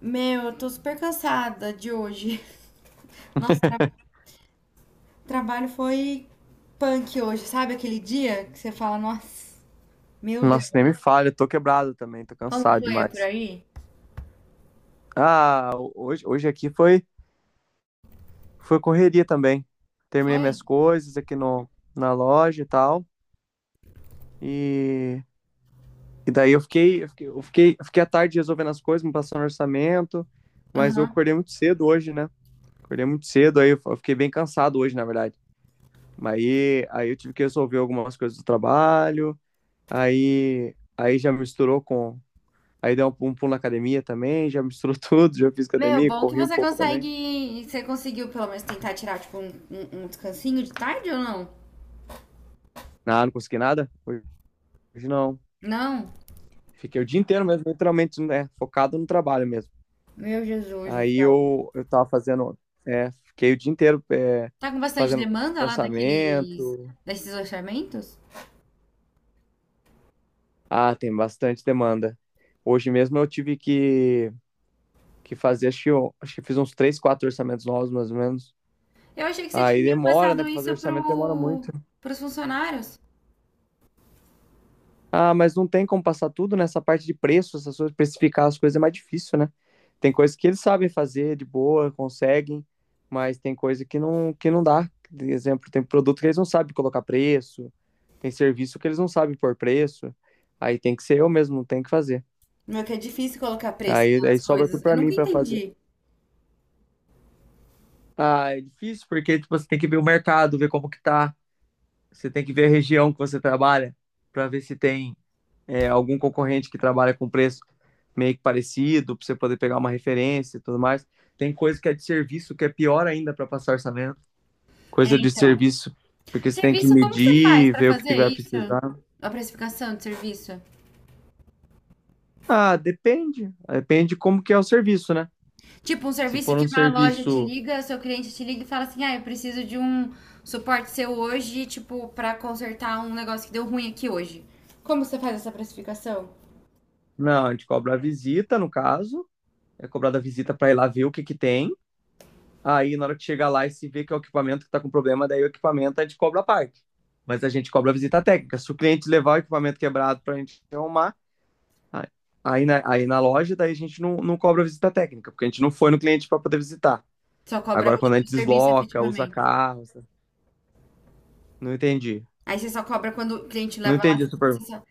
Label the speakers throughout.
Speaker 1: Meu, eu tô super cansada de hoje. Nossa, trabalho foi punk hoje. Sabe aquele dia que você fala, nossa, meu Deus.
Speaker 2: Nossa, nem me fale, eu tô quebrado também, tô
Speaker 1: Como que
Speaker 2: cansado
Speaker 1: foi por
Speaker 2: demais.
Speaker 1: aí?
Speaker 2: Ah, hoje aqui foi correria também. Terminei
Speaker 1: Foi?
Speaker 2: minhas coisas aqui no, na loja e tal. E, e daí eu fiquei a tarde resolvendo as coisas, me passando orçamento, mas eu
Speaker 1: Aham.
Speaker 2: acordei muito cedo hoje, né? Acordei muito cedo, aí eu fiquei bem cansado hoje, na verdade. Aí eu tive que resolver algumas coisas do trabalho, aí já misturou com. Aí dei um pulo na academia também, já misturou tudo, já fiz
Speaker 1: Meu,
Speaker 2: academia,
Speaker 1: bom que
Speaker 2: corri um
Speaker 1: você
Speaker 2: pouco também.
Speaker 1: consegue. Você conseguiu pelo menos tentar tirar, tipo, um descansinho de tarde ou não?
Speaker 2: Nada, não consegui nada? Hoje não.
Speaker 1: Não?
Speaker 2: Fiquei o dia inteiro mesmo, literalmente, né, focado no trabalho mesmo.
Speaker 1: Meu Jesus do
Speaker 2: Aí
Speaker 1: céu.
Speaker 2: eu tava fazendo, fiquei o dia inteiro
Speaker 1: Tá com bastante
Speaker 2: fazendo
Speaker 1: demanda lá daqueles,
Speaker 2: orçamento.
Speaker 1: desses orçamentos?
Speaker 2: Ah, tem bastante demanda. Hoje mesmo eu tive que fazer, acho que eu fiz uns três, quatro orçamentos novos, mais ou menos.
Speaker 1: Eu achei que você
Speaker 2: Aí
Speaker 1: tinha
Speaker 2: demora, né,
Speaker 1: passado
Speaker 2: pra fazer
Speaker 1: isso
Speaker 2: orçamento demora muito.
Speaker 1: pros funcionários.
Speaker 2: Ah, mas não tem como passar tudo nessa parte de preço, essas coisas, precificar as coisas é mais difícil, né? Tem coisas que eles sabem fazer de boa, conseguem, mas tem coisa que não dá. Por exemplo, tem produto que eles não sabem colocar preço, tem serviço que eles não sabem pôr preço, aí tem que ser eu mesmo, tem que fazer.
Speaker 1: Meu, que é difícil colocar preço
Speaker 2: Aí
Speaker 1: nas
Speaker 2: sobra
Speaker 1: coisas.
Speaker 2: tudo
Speaker 1: Eu
Speaker 2: pra
Speaker 1: nunca
Speaker 2: mim pra fazer.
Speaker 1: entendi.
Speaker 2: Ah, é difícil porque tipo, você tem que ver o mercado, ver como que tá, você tem que ver a região que você trabalha pra ver se tem algum concorrente que trabalha com preço meio que parecido, para você poder pegar uma referência e tudo mais. Tem coisa que é de serviço, que é pior ainda para passar orçamento.
Speaker 1: É,
Speaker 2: Coisa de
Speaker 1: então.
Speaker 2: serviço, porque você tem que
Speaker 1: Serviço, como que você faz
Speaker 2: medir,
Speaker 1: pra
Speaker 2: ver o
Speaker 1: fazer
Speaker 2: que vai
Speaker 1: isso?
Speaker 2: precisar.
Speaker 1: A precificação de serviço.
Speaker 2: Ah, depende. Depende de como que é o serviço, né?
Speaker 1: Tipo, um
Speaker 2: Se
Speaker 1: serviço
Speaker 2: for
Speaker 1: que
Speaker 2: um
Speaker 1: uma loja te
Speaker 2: serviço,
Speaker 1: liga, seu cliente te liga e fala assim: ah, eu preciso de um suporte seu hoje, tipo, pra consertar um negócio que deu ruim aqui hoje. Como você faz essa precificação?
Speaker 2: não, a gente cobra a visita, no caso, é cobrada a visita para ir lá ver o que que tem. Aí, na hora que chegar lá e se vê que é o equipamento que está com problema, daí o equipamento a gente cobra a parte. Mas a gente cobra a visita técnica. Se o cliente levar o equipamento quebrado para a gente arrumar, aí aí na loja, daí a gente não cobra a visita técnica, porque a gente não foi no cliente para poder visitar.
Speaker 1: Só cobra
Speaker 2: Agora, quando a
Speaker 1: tipo, o
Speaker 2: gente
Speaker 1: serviço
Speaker 2: desloca, usa
Speaker 1: efetivamente.
Speaker 2: carro, sabe? Não entendi.
Speaker 1: Aí você só cobra quando o cliente
Speaker 2: Não
Speaker 1: leva lá.
Speaker 2: entendi
Speaker 1: você
Speaker 2: super.
Speaker 1: só-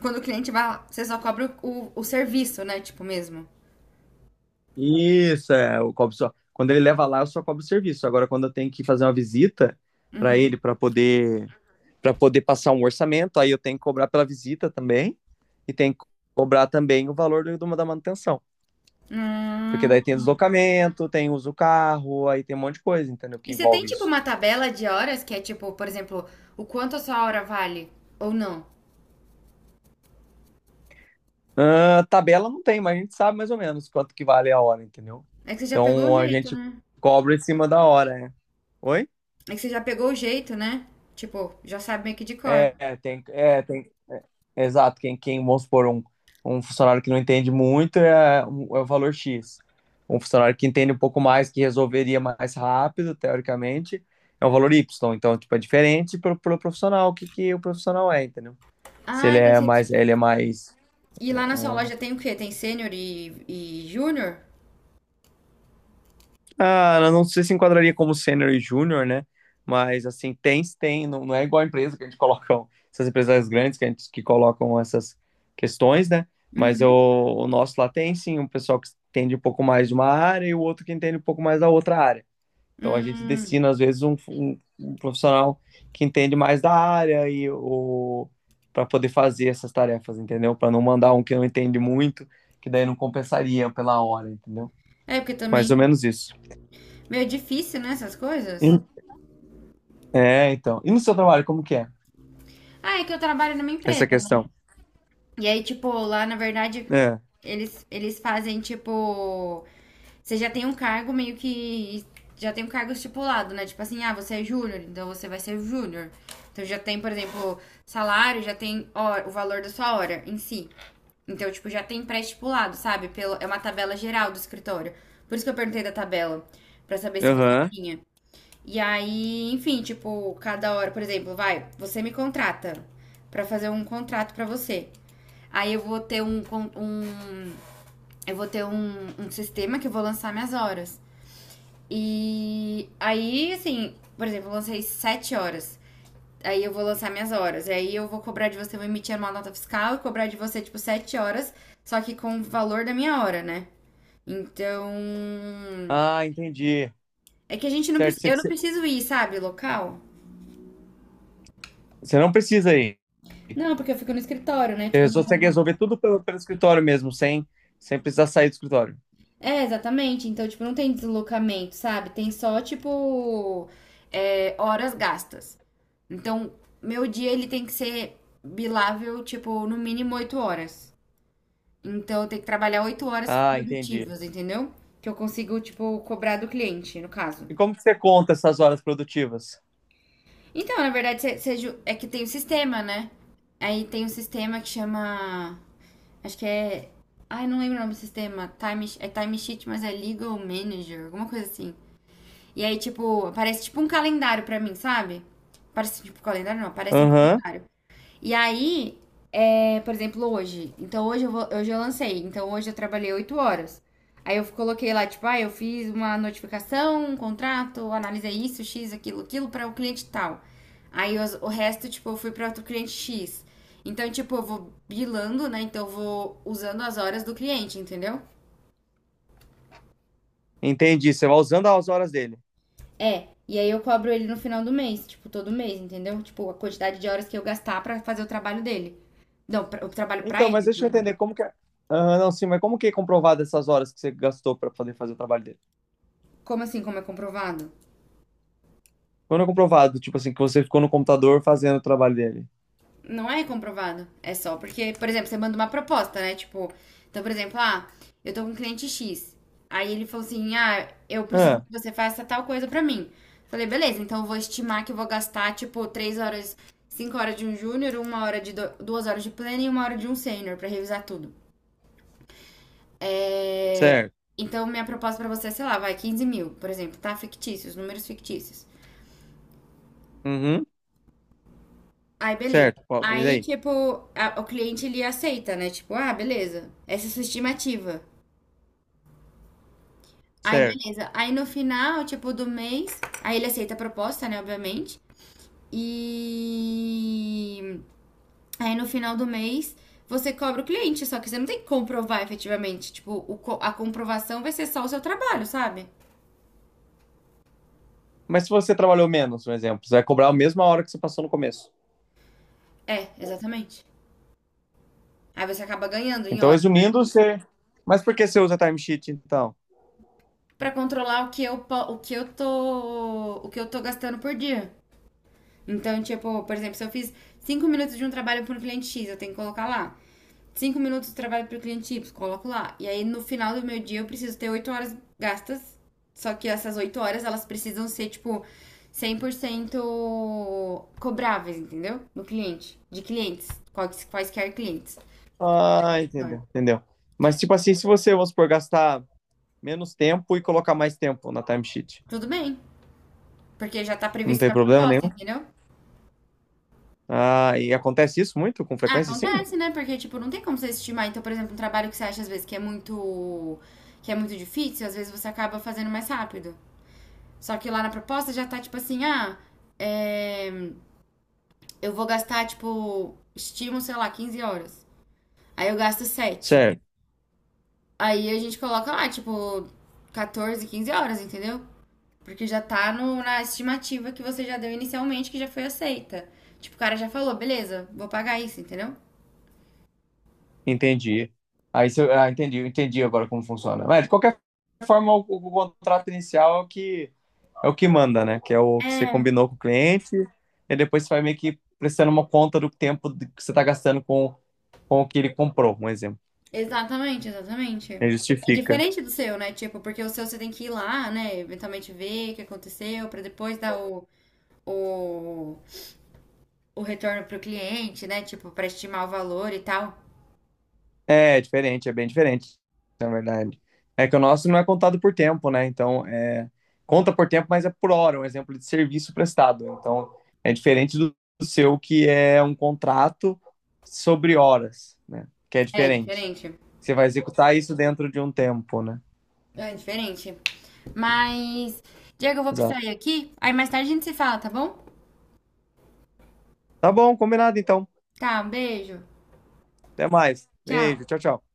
Speaker 1: Quando o cliente vai lá, você só cobra o serviço, né? Tipo, mesmo.
Speaker 2: Isso, é, eu cobro só. Quando ele leva lá, eu só cobro o serviço. Agora, quando eu tenho que fazer uma visita para ele, para poder passar um orçamento, aí eu tenho que cobrar pela visita também, e tenho que cobrar também o valor da manutenção. Porque
Speaker 1: Hum.
Speaker 2: daí tem deslocamento, tem uso do carro, aí tem um monte de coisa, entendeu?
Speaker 1: E
Speaker 2: Que
Speaker 1: você tem,
Speaker 2: envolve
Speaker 1: tipo,
Speaker 2: isso.
Speaker 1: uma tabela de horas que é, tipo, por exemplo, o quanto a sua hora vale ou não?
Speaker 2: Ah, tabela não tem, mas a gente sabe mais ou menos quanto que vale a hora, entendeu?
Speaker 1: É que você já pegou o
Speaker 2: Então a
Speaker 1: jeito,
Speaker 2: gente
Speaker 1: né?
Speaker 2: cobra em cima da hora, né? Oi?
Speaker 1: É que você já pegou o jeito, né? Tipo, já sabe meio que de cor.
Speaker 2: É, é, tem Exato, quem vamos supor, um funcionário que não entende muito é o valor X. Um funcionário que entende um pouco mais, que resolveria mais rápido, teoricamente, é o valor Y. Então, tipo, é diferente pro profissional, o que, que o profissional é, entendeu? Se
Speaker 1: Ah,
Speaker 2: ele
Speaker 1: então
Speaker 2: é
Speaker 1: você,
Speaker 2: mais,
Speaker 1: tipo,
Speaker 2: ele é mais
Speaker 1: e lá na sua
Speaker 2: é,
Speaker 1: loja tem o quê? Tem sênior e júnior?
Speaker 2: Ah, eu não sei se enquadraria como sênior e júnior, né? Mas assim, tem, tem, não, não é igual a empresa que a gente coloca, essas empresas grandes que colocam essas questões, né? Mas o nosso lá tem sim um pessoal que entende um pouco mais de uma área e o outro que entende um pouco mais da outra área. Então a gente
Speaker 1: Hum.
Speaker 2: destina, às vezes, um profissional que entende mais da área e o para poder fazer essas tarefas, entendeu? Para não mandar um que não entende muito, que daí não compensaria pela hora, entendeu?
Speaker 1: É, porque
Speaker 2: Mais ou
Speaker 1: também.
Speaker 2: menos isso.
Speaker 1: Meio difícil, né? Essas coisas.
Speaker 2: É, então. E no seu trabalho, como que é
Speaker 1: Ah, é que eu trabalho numa
Speaker 2: essa
Speaker 1: empresa, né?
Speaker 2: questão?
Speaker 1: E aí, tipo, lá na verdade,
Speaker 2: É.
Speaker 1: eles fazem, tipo. Você já tem um cargo meio que. Já tem um cargo estipulado, né? Tipo assim, ah, você é júnior, então você vai ser júnior. Então já tem, por exemplo, salário, já tem o valor da sua hora em si. Então, tipo, já tem pré-estipulado, sabe? Pelo, é uma tabela geral do escritório. Por isso que eu perguntei da tabela, pra saber se você
Speaker 2: Aham.
Speaker 1: tinha. E aí, enfim, tipo, cada hora, por exemplo, vai, você me contrata pra fazer um contrato pra você. Aí eu vou ter um, um eu vou ter um, um sistema que eu vou lançar minhas horas. E aí, assim, por exemplo, eu lancei 7 horas. Aí eu vou lançar minhas horas. E aí eu vou cobrar de você, vou emitir uma nota fiscal e cobrar de você, tipo, 7 horas, só que com o valor da minha hora, né? Então.
Speaker 2: Ah, entendi.
Speaker 1: É que a gente não
Speaker 2: Certo,
Speaker 1: precisa.
Speaker 2: você
Speaker 1: Eu não
Speaker 2: você-
Speaker 1: preciso ir, sabe, local?
Speaker 2: você não precisa ir.
Speaker 1: Não, porque eu fico no escritório, né?
Speaker 2: Você consegue resolver tudo pelo escritório mesmo, sem precisar sair do escritório.
Speaker 1: É, exatamente. Então, tipo, não tem deslocamento, sabe? Tem só, tipo, horas gastas. Então, meu dia ele tem que ser bilável, tipo, no mínimo 8 horas. Então, eu tenho que trabalhar 8 horas
Speaker 2: Ah, entendi.
Speaker 1: produtivas, entendeu? Que eu consigo, tipo, cobrar do cliente, no caso.
Speaker 2: E como que você conta essas horas produtivas?
Speaker 1: Então, na verdade, é que tem o sistema, né? Aí tem um sistema que chama. Acho que é. Ai, não lembro o nome do sistema. Time, é Time Sheet, mas é Legal Manager, alguma coisa assim. E aí, tipo, parece tipo um calendário pra mim, sabe? Parece tipo calendário, não, parece um
Speaker 2: Aham,
Speaker 1: calendário. E aí, por exemplo, hoje. Então, hoje eu lancei. Então, hoje eu trabalhei 8 horas. Aí eu coloquei lá, tipo, ah, eu fiz uma notificação, um contrato, analisei isso, X, aquilo, aquilo, para o cliente tal. Aí o resto, tipo, eu fui para outro cliente X. Então, tipo, eu vou bilando, né? Então, eu vou usando as horas do cliente, entendeu?
Speaker 2: entendi. Você vai usando as horas dele.
Speaker 1: É, e aí eu cobro ele no final do mês, tipo, todo mês, entendeu? Tipo, a quantidade de horas que eu gastar pra fazer o trabalho dele. Não, o trabalho pra
Speaker 2: Então, mas
Speaker 1: ele, né,
Speaker 2: deixa
Speaker 1: no
Speaker 2: eu
Speaker 1: caso.
Speaker 2: entender como que é. Aham, não, sim, mas como que é comprovado essas horas que você gastou para poder fazer o trabalho dele?
Speaker 1: Como assim, como é comprovado?
Speaker 2: Quando é comprovado, tipo assim, que você ficou no computador fazendo o trabalho dele.
Speaker 1: Não é comprovado. É só porque, por exemplo, você manda uma proposta, né? Tipo, então, por exemplo, ah, eu tô com um cliente X. Aí ele falou assim: ah, eu preciso
Speaker 2: Ah,
Speaker 1: que você faça tal coisa pra mim. Falei, beleza, então eu vou estimar que eu vou gastar, tipo, 3 horas, 5 horas de um júnior, uma hora de do, 2 horas de pleno e 1 hora de um sênior pra revisar tudo. É,
Speaker 2: certo.
Speaker 1: Então, minha proposta pra você é, sei lá, vai 15 mil, por exemplo, tá? Fictícios, números fictícios.
Speaker 2: Uhum.
Speaker 1: Aí, beleza.
Speaker 2: Certo, ó, e
Speaker 1: Aí,
Speaker 2: daí?
Speaker 1: tipo, o cliente ele aceita, né? Tipo, ah, beleza, essa é a sua estimativa. Aí,
Speaker 2: Certo.
Speaker 1: beleza. Aí, no final, tipo, do mês, aí ele aceita a proposta, né? Obviamente. E aí no final do mês você cobra o cliente, só que você não tem que comprovar efetivamente. Tipo, a comprovação vai ser só o seu trabalho, sabe?
Speaker 2: Mas se você trabalhou menos, por exemplo, você vai cobrar a mesma hora que você passou no começo.
Speaker 1: É, exatamente. Aí você acaba ganhando em
Speaker 2: Então,
Speaker 1: hora.
Speaker 2: resumindo, você. Mas por que você usa timesheet, então?
Speaker 1: Para controlar o que eu o que eu tô gastando por dia. Então, tipo, por exemplo, se eu fiz 5 minutos de um trabalho para um cliente X, eu tenho que colocar lá. 5 minutos de trabalho para o cliente Y, coloco lá. E aí no final do meu dia eu preciso ter 8 horas gastas. Só que essas 8 horas elas precisam ser tipo 100% cobráveis, entendeu? No cliente, de clientes, quaisquer clientes.
Speaker 2: Ah, entendeu, entendeu. Mas, tipo assim, se você, vamos supor, gastar menos tempo e colocar mais tempo na timesheet,
Speaker 1: Tudo bem, porque já tá
Speaker 2: não
Speaker 1: previsto
Speaker 2: tem
Speaker 1: na
Speaker 2: problema
Speaker 1: proposta,
Speaker 2: nenhum?
Speaker 1: entendeu?
Speaker 2: Ah, e acontece isso muito com frequência, sim?
Speaker 1: Acontece, né? Porque, tipo, não tem como você estimar. Então, por exemplo, um trabalho que você acha às vezes que é muito difícil, às vezes você acaba fazendo mais rápido. Só que lá na proposta já tá tipo assim, ah, é, eu vou gastar, tipo, estimo, sei lá, 15 horas. Aí eu gasto sete.
Speaker 2: Certo.
Speaker 1: Aí a gente coloca lá, tipo, 14, 15 horas, entendeu? Porque já tá no, na estimativa que você já deu inicialmente, que já foi aceita. Tipo, o cara já falou, beleza, vou pagar isso, entendeu?
Speaker 2: Entendi. Aí se eu, ah, entendi, eu entendi agora como funciona. Mas, de qualquer forma, o contrato inicial é o que manda, né? Que é o que você
Speaker 1: É,
Speaker 2: combinou com o cliente, e depois você vai meio que prestando uma conta do tempo que você está gastando com o que ele comprou, um exemplo.
Speaker 1: Exatamente, exatamente.
Speaker 2: Ele
Speaker 1: É
Speaker 2: justifica.
Speaker 1: diferente do seu, né? Tipo, porque o seu você tem que ir lá, né? Eventualmente ver o que aconteceu, pra depois dar o, o retorno pro cliente, né? Tipo, pra estimar o valor e tal.
Speaker 2: É, diferente, é bem diferente, na verdade. É que o nosso não é contado por tempo, né? Então, conta por tempo, mas é por hora, um exemplo de serviço prestado. Então, é diferente do seu, que é um contrato sobre horas, né? Que é
Speaker 1: É
Speaker 2: diferente.
Speaker 1: diferente.
Speaker 2: Você vai executar isso dentro de um tempo, né?
Speaker 1: É diferente. Mas, Diego, eu vou precisar
Speaker 2: Exato.
Speaker 1: ir aqui. Aí mais tarde a gente se fala, tá bom?
Speaker 2: Tá bom, combinado então.
Speaker 1: Tá, um beijo.
Speaker 2: Até mais.
Speaker 1: Tchau.
Speaker 2: Beijo, tchau, tchau.